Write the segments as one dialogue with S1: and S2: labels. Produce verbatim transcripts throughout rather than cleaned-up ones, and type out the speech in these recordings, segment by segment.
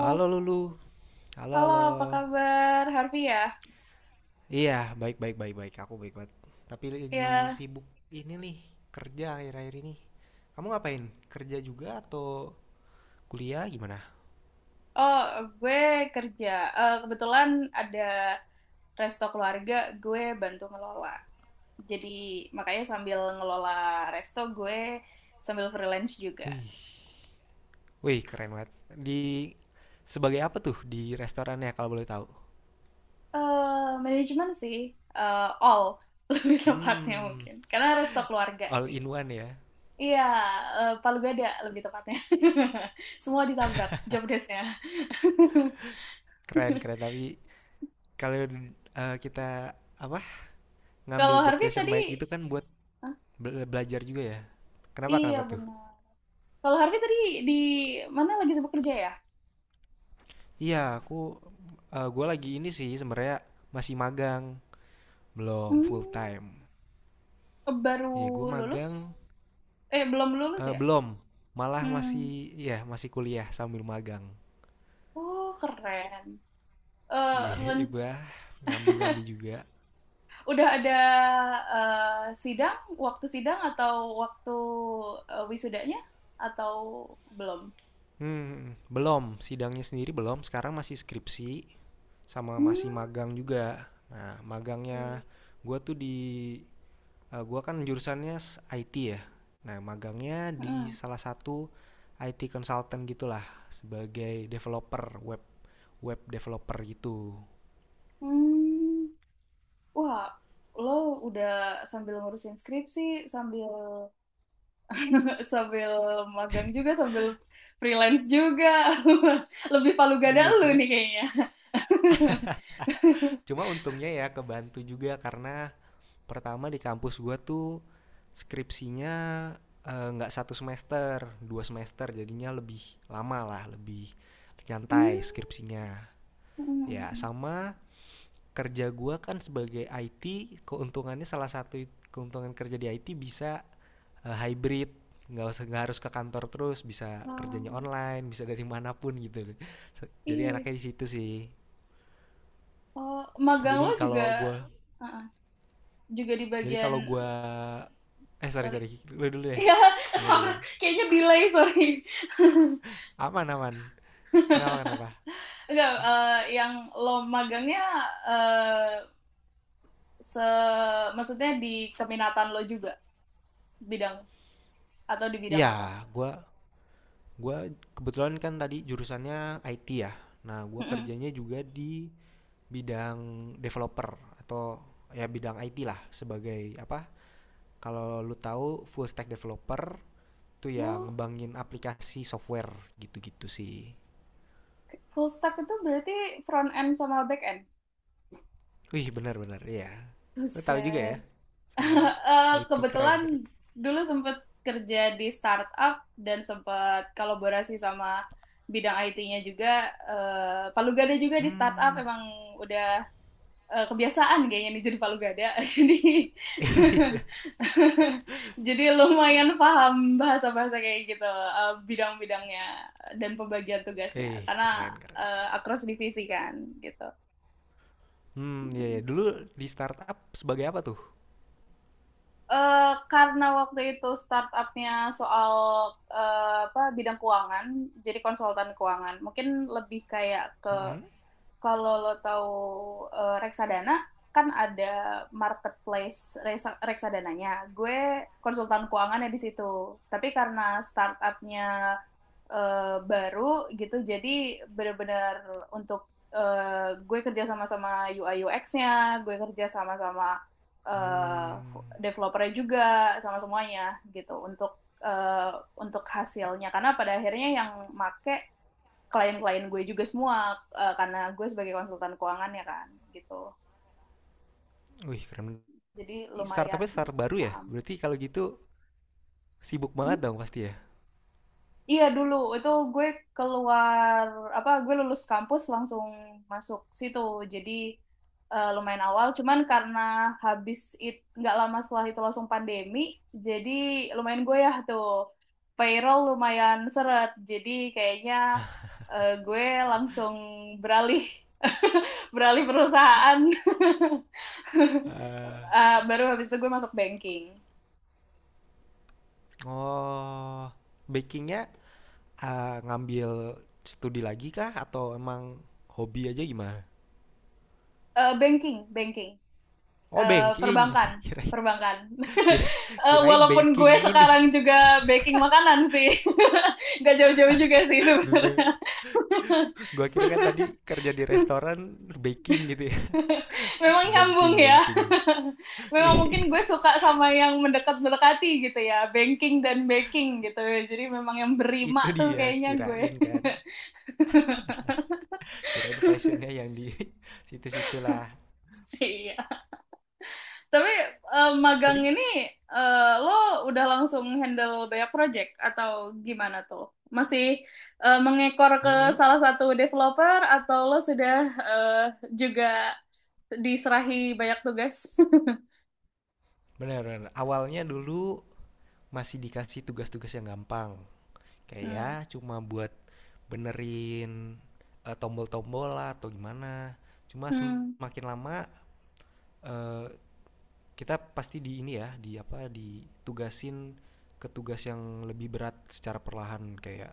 S1: Halo Lulu, halo
S2: halo,
S1: halo.
S2: apa kabar, Harvey ya?
S1: Iya, baik baik baik baik. Aku baik banget. Tapi lagi
S2: Ya,
S1: sibuk ini nih kerja akhir-akhir ini. Kamu ngapain? Kerja juga atau kuliah gimana?
S2: oh, gue kerja. Eh, kebetulan ada resto keluarga, gue bantu ngelola. Jadi, makanya sambil ngelola resto, gue sambil freelance juga.
S1: Wih, wih keren banget. Di sebagai apa tuh di restorannya kalau boleh tahu?
S2: eh Manajemen sih, eh, all, lebih tepatnya
S1: Hmm,
S2: mungkin. Karena resto keluarga
S1: all
S2: sih.
S1: in one ya.
S2: Iya, eh, Palu Gada lebih tepatnya. Semua ditabrak job desk-nya.
S1: Keren keren. Tapi kalau eh, kita apa ngambil
S2: Kalau
S1: job
S2: Harvey
S1: desk yang
S2: tadi
S1: baik itu kan buat bela- belajar juga ya. Kenapa
S2: Iya
S1: kenapa tuh?
S2: benar. Kalau Harvey tadi di mana lagi sibuk kerja ya?
S1: Iya, aku eh gue lagi ini sih sebenarnya masih magang, belum full
S2: Hmm,
S1: time.
S2: baru
S1: Iya, gue
S2: lulus?
S1: magang
S2: Eh belum lulus
S1: eh
S2: ya?
S1: belum, malah masih
S2: Hmm.
S1: ya masih kuliah sambil magang.
S2: Oh keren. Eh
S1: Iya,
S2: ren-
S1: bah nyambi-nyambi juga.
S2: udah ada eh, sidang, waktu sidang atau waktu eh, wisudanya atau belum?
S1: Hmm, belum, sidangnya sendiri belum. Sekarang masih skripsi sama masih
S2: Hmm.
S1: magang juga. Nah,
S2: Wih.
S1: magangnya gue tuh di eh, gua kan jurusannya s- I T ya. Nah, magangnya di
S2: Mm-mm.
S1: salah satu I T consultant gitulah sebagai developer web web developer gitu.
S2: Hmm. Wah, lo udah sambil ngurusin skripsi, sambil sambil magang juga, sambil freelance juga. Lebih palu gada
S1: Iya,
S2: lu nih
S1: cuma
S2: kayaknya.
S1: cuma untungnya ya kebantu juga karena pertama di kampus gua tuh skripsinya eh, nggak satu semester, dua semester jadinya lebih lama lah, lebih nyantai skripsinya. Ya,
S2: Hmm.
S1: sama kerja gua kan sebagai I T, keuntungannya salah satu keuntungan kerja di I T bisa eh, hybrid nggak usah nggak harus ke kantor terus bisa
S2: Ah,
S1: kerjanya online bisa dari manapun gitu jadi
S2: iya.
S1: enaknya di situ sih
S2: Oh, magang
S1: jadi
S2: lo juga
S1: kalau gue,
S2: ah, juga di
S1: jadi
S2: bagian
S1: kalau gue, eh sorry
S2: sorry.
S1: sorry lu dulu deh
S2: Ya,
S1: gimana gimana
S2: kayaknya delay, sorry.
S1: aman aman kenapa kenapa
S2: Enggak, eh, yang lo magangnya eh se maksudnya di keminatan lo juga bidang atau di bidang apa?
S1: iya gue gue kebetulan kan tadi jurusannya I T ya nah gue
S2: Mm-mm.
S1: kerjanya juga di bidang developer atau ya bidang I T lah sebagai apa kalau lu tahu full stack developer itu ya
S2: Wow.
S1: ngembangin aplikasi software gitu-gitu sih.
S2: Full stack itu berarti front end sama back end.
S1: Wih benar-benar ya. Lo tahu juga ya.
S2: Buset.
S1: Soal
S2: Eh,
S1: I P keren
S2: Kebetulan
S1: keren.
S2: dulu sempat kerja di startup dan sempat kolaborasi sama bidang I T-nya juga. Eh, Palu Gada juga di startup
S1: Hmm.
S2: emang udah eh, kebiasaan kayaknya nih jadi Palu Gada. Jadi
S1: Iya.
S2: jadi lumayan paham bahasa-bahasa kayak gitu, eh, bidang-bidangnya dan pembagian tugasnya
S1: Eh
S2: karena
S1: keren keren.
S2: eh, across divisi kan gitu.
S1: Hmm iya
S2: Hmm.
S1: ya. Dulu di startup sebagai apa tuh?
S2: Eh, karena waktu itu startupnya soal eh, apa bidang keuangan, jadi konsultan keuangan. Mungkin lebih kayak ke
S1: Mm.
S2: kalau lo tahu eh, reksadana kan ada marketplace resa- reksadananya. Gue konsultan keuangannya di situ. Tapi karena startupnya eh, baru gitu, jadi benar-benar untuk eh, gue kerja sama-sama U I U X-nya, gue kerja sama-sama eh,
S1: Hmm.
S2: f- developernya juga, sama semuanya gitu untuk eh, untuk hasilnya. Karena pada akhirnya yang make klien-klien gue juga semua eh, karena gue sebagai konsultan keuangan ya kan gitu
S1: Wih keren.
S2: jadi lumayan
S1: Startupnya startup baru ya?
S2: paham.
S1: Berarti kalau gitu sibuk
S2: Hmm?
S1: banget dong pasti ya.
S2: Iya dulu itu gue keluar apa gue lulus kampus langsung masuk situ, jadi eh, lumayan awal cuman karena habis itu nggak lama setelah itu langsung pandemi, jadi lumayan gue ya tuh payroll lumayan seret, jadi kayaknya eh, gue langsung beralih beralih perusahaan
S1: Eh,
S2: Ah, baru habis itu gue masuk banking.
S1: oh bakingnya eh, ngambil studi lagi kah atau emang hobi aja gimana?
S2: Eh, banking, banking.
S1: Oh
S2: Eh,
S1: banking,
S2: perbankan,
S1: kirain
S2: perbankan.
S1: kir-
S2: Eh,
S1: kirain
S2: walaupun gue
S1: baking ini.
S2: sekarang juga baking makanan sih. Gak jauh-jauh juga sih sebenarnya.
S1: Gua kira kan tadi kerja di restoran baking gitu ya.
S2: Memang
S1: Tuh banking,
S2: nyambung ya.
S1: banking.
S2: Memang
S1: Iya,
S2: mungkin gue suka sama yang mendekat-mendekati gitu ya. Banking dan baking gitu. Jadi memang yang
S1: itu
S2: berima tuh
S1: dia
S2: kayaknya
S1: kirain
S2: gue.
S1: kan. Kirain passionnya yang di situ-situ lah.
S2: Iya. Tapi eh, magang
S1: Tapi
S2: ini, eh, lo udah langsung handle banyak project atau gimana tuh? Masih eh, mengekor ke
S1: mm
S2: salah satu developer atau lo sudah eh, juga diserahi banyak tugas?
S1: benar benar. Awalnya dulu masih dikasih tugas-tugas yang gampang. Kayak ya
S2: Hmm.
S1: cuma buat benerin eh, tombol-tombol lah atau gimana. Cuma
S2: Hmm.
S1: semakin lama eh, kita pasti di ini ya, di apa, ditugasin ke tugas yang lebih berat secara perlahan kayak,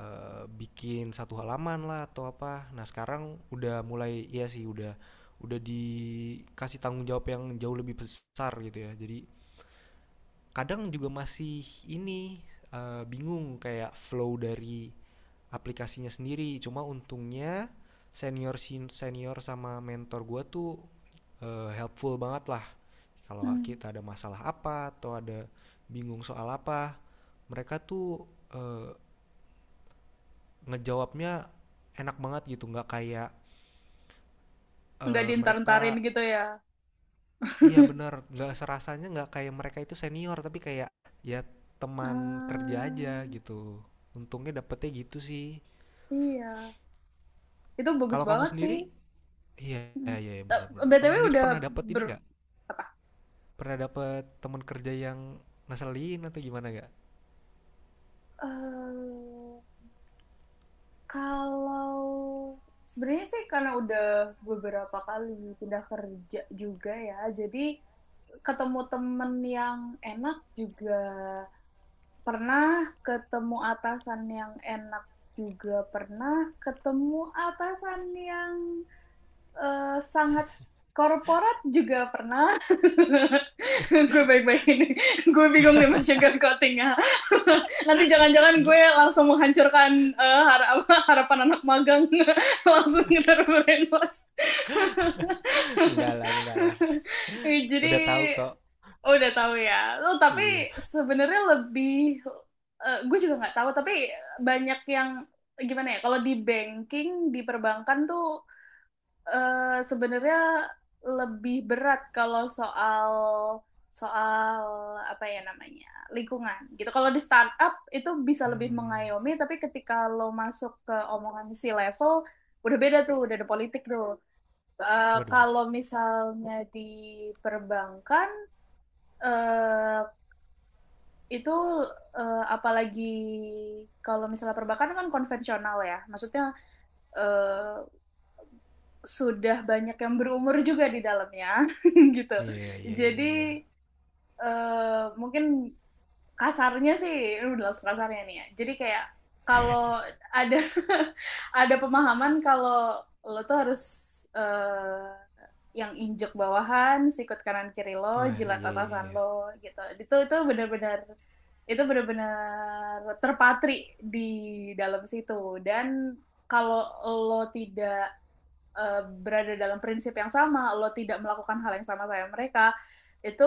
S1: eee, bikin satu halaman lah atau apa. Nah, sekarang udah mulai iya sih udah udah dikasih tanggung jawab yang jauh lebih besar gitu ya. Jadi kadang juga masih ini, eee, bingung kayak flow dari aplikasinya sendiri. Cuma untungnya senior senior sama mentor gua tuh, eee, helpful banget lah kalau
S2: Hmm.
S1: kita ada masalah apa atau ada bingung soal apa, mereka tuh eh, ngejawabnya enak banget gitu, nggak kayak
S2: Nggak
S1: eh,
S2: diintar-intarin
S1: mereka
S2: gitu ya.
S1: iya benar, nggak serasanya nggak kayak mereka itu senior tapi kayak ya teman kerja
S2: Ah,
S1: aja gitu. Untungnya dapetnya gitu sih.
S2: iya, itu bagus
S1: Kalau kamu
S2: banget sih.
S1: sendiri, iya
S2: Hmm.
S1: iya, iya
S2: Eh,
S1: benar-benar. Kamu
S2: B T W
S1: sendiri
S2: udah
S1: pernah dapet ini
S2: ber
S1: nggak?
S2: apa?
S1: Pernah dapet teman kerja yang ngeselin atau gimana nggak?
S2: Eh, Kalau sebenarnya sih karena udah beberapa kali pindah kerja juga ya, jadi ketemu temen yang enak juga pernah, ketemu atasan yang enak juga pernah, ketemu atasan yang eh, sangat korporat juga pernah. Gue baik-baik ini. Gue bingung nih mas sugar coatingnya. Nanti jangan-jangan gue langsung menghancurkan eh, har- harapan anak magang. Langsung terbrainwash.
S1: Enggak lah, enggak lah.
S2: Eh, Jadi
S1: Udah tahu kok.
S2: Oh, udah tahu ya. Oh, tapi
S1: Iya.
S2: sebenarnya lebih eh, gue juga nggak tahu tapi banyak yang gimana ya, kalau di banking, di perbankan tuh eh, sebenarnya lebih berat kalau soal soal apa ya namanya lingkungan gitu. Kalau di startup itu bisa lebih
S1: Hmm.
S2: mengayomi, tapi ketika lo masuk ke omongan si level udah beda tuh, udah ada politik tuh. Eh,
S1: Waduh,
S2: kalau misalnya di perbankan eh itu, eh, apalagi kalau misalnya perbankan kan konvensional ya, maksudnya eh, sudah banyak yang berumur juga di dalamnya gitu.
S1: iya iya
S2: Jadi
S1: iya iya. Iya.
S2: eh, mungkin kasarnya sih, ini udah langsung kasarnya nih ya. Jadi kayak kalau ada ada pemahaman kalau lo tuh harus eh, yang injek bawahan, sikut kanan kiri lo,
S1: Wah,
S2: jilat
S1: iya iya
S2: atasan
S1: iya.
S2: lo gitu. Itu itu benar-benar itu benar-benar terpatri di dalam situ, dan kalau lo tidak eh, berada dalam prinsip yang sama, lo tidak melakukan hal yang sama kayak mereka, itu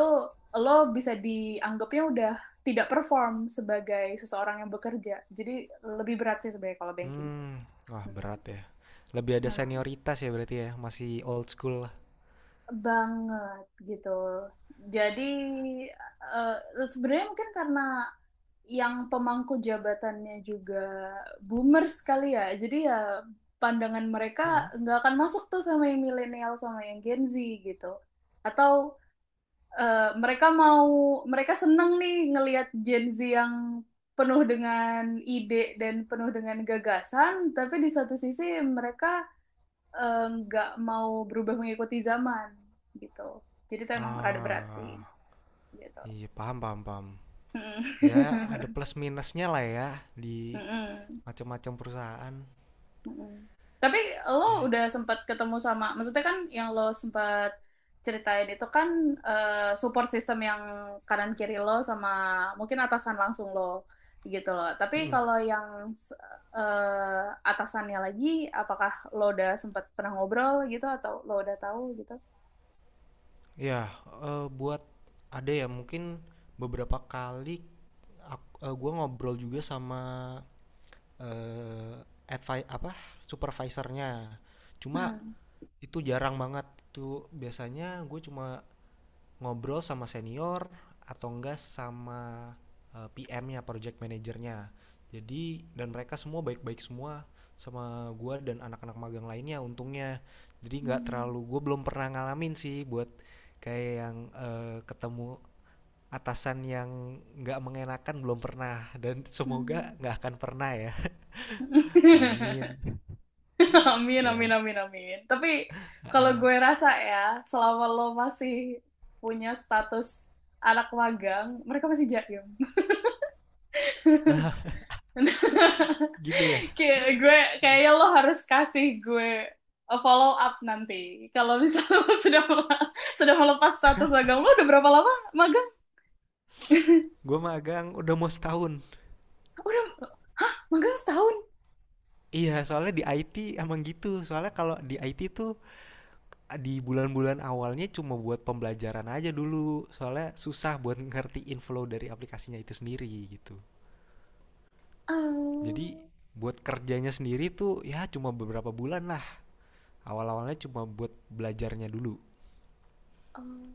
S2: lo bisa dianggapnya udah tidak perform sebagai seseorang yang bekerja. Jadi lebih berat sih sebenarnya kalau banking.
S1: Hmm, wah
S2: Hmm,
S1: berat ya. Lebih ada
S2: memang
S1: senioritas ya berarti ya, masih old school lah.
S2: banget gitu. Jadi eh, sebenarnya mungkin karena yang pemangku jabatannya juga boomers kali ya. Jadi ya pandangan mereka
S1: Mm-mm.
S2: nggak akan masuk tuh sama yang milenial sama yang Gen Z gitu. Atau eh, mereka mau mereka seneng nih ngelihat Gen Z yang penuh dengan ide dan penuh dengan gagasan, tapi di satu sisi mereka eh, nggak uh, mau berubah mengikuti zaman gitu. Jadi itu emang rada berat sih
S1: Ah,
S2: gitu.
S1: iya paham paham paham. Ya ada
S2: Mm-mm.
S1: plus minusnya lah ya di
S2: Mm-mm.
S1: macam-macam perusahaan.
S2: Mm-mm. Tapi
S1: Ya,
S2: lo udah sempat ketemu sama, maksudnya kan yang lo sempat ceritain itu kan eh, support system yang kanan kiri lo sama mungkin atasan langsung lo gitu loh. Tapi
S1: mm-mm.
S2: kalau yang s- eh, atasannya lagi, apakah lo udah sempat pernah ngobrol gitu atau lo udah tahu gitu?
S1: Ya, eh, buat ada ya mungkin beberapa kali aku, eh, gua ngobrol juga sama eh advi apa supervisornya. Cuma
S2: Hmm.
S1: itu jarang banget. Itu biasanya gue cuma ngobrol sama senior atau enggak sama eh, P M-nya, project manajernya. Jadi dan mereka semua baik-baik semua sama gue dan anak-anak magang lainnya untungnya. Jadi nggak
S2: Hmm.
S1: terlalu gue belum pernah ngalamin sih buat kayak yang eh, ketemu atasan yang nggak mengenakan belum pernah dan semoga
S2: Hmm.
S1: nggak akan pernah ya. Amin.
S2: Amin, amin,
S1: Ya.
S2: amin, amin. Tapi kalau gue rasa ya, selama lo masih punya status anak magang, mereka masih jaim.
S1: Nah, gitu ya.
S2: Kayak gue, kayaknya lo harus kasih gue a follow up nanti. Kalau misalnya lo sudah mel- sudah melepas status magang, lo udah berapa lama magang?
S1: Gue magang udah mau setahun.
S2: Udah, hah, magang setahun?
S1: Iya, soalnya di I T emang gitu. Soalnya kalau di I T tuh eh, di bulan-bulan awalnya cuma buat pembelajaran aja dulu. Soalnya susah buat ngertiin flow dari aplikasinya itu sendiri gitu.
S2: Eh,
S1: Jadi buat kerjanya sendiri tuh ya cuma beberapa bulan lah. Awal-awalnya cuma buat belajarnya dulu.
S2: eh.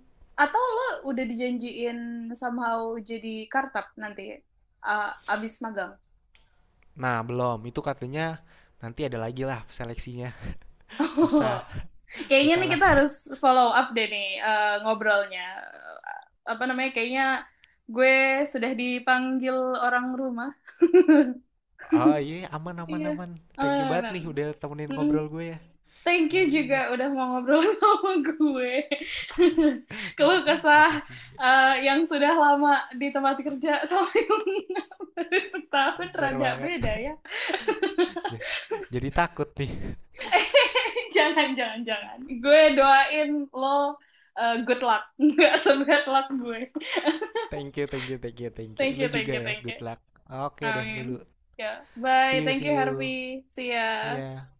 S2: Atau lo udah dijanjiin somehow jadi kartap nanti eh, abis magang?
S1: Nah, belum. Itu katanya nanti ada lagi lah seleksinya. Susah,
S2: Kayaknya
S1: susah
S2: nih
S1: lah.
S2: kita harus follow up deh nih eh, ngobrolnya. Eh, Apa namanya? Kayaknya gue sudah dipanggil orang rumah.
S1: Oh iya, iya. Aman aman
S2: Iya.
S1: aman. Thank you banget
S2: Amanan.
S1: nih udah temenin
S2: Mm-mm.
S1: ngobrol gue ya
S2: Thank you
S1: malam
S2: juga
S1: ini.
S2: udah mau ngobrol sama gue. Keluh kesah
S1: Makasih.
S2: eh, yang sudah lama di tempat kerja sama yang baru setahun
S1: Bener
S2: rada
S1: banget.
S2: beda ya.
S1: Ja- Jadi takut nih.
S2: Jangan, jangan, jangan. Gue doain lo eh, good luck. Nggak sebad luck gue.
S1: Thank you, thank you, thank you, thank you.
S2: Thank
S1: Lu
S2: you, thank
S1: juga
S2: you,
S1: ya,
S2: thank you.
S1: good luck. Oke deh,
S2: Amin.
S1: Lulu.
S2: Ya,
S1: See
S2: bye.
S1: you,
S2: Thank
S1: see
S2: you,
S1: you.
S2: Harvey. See ya.
S1: Iya.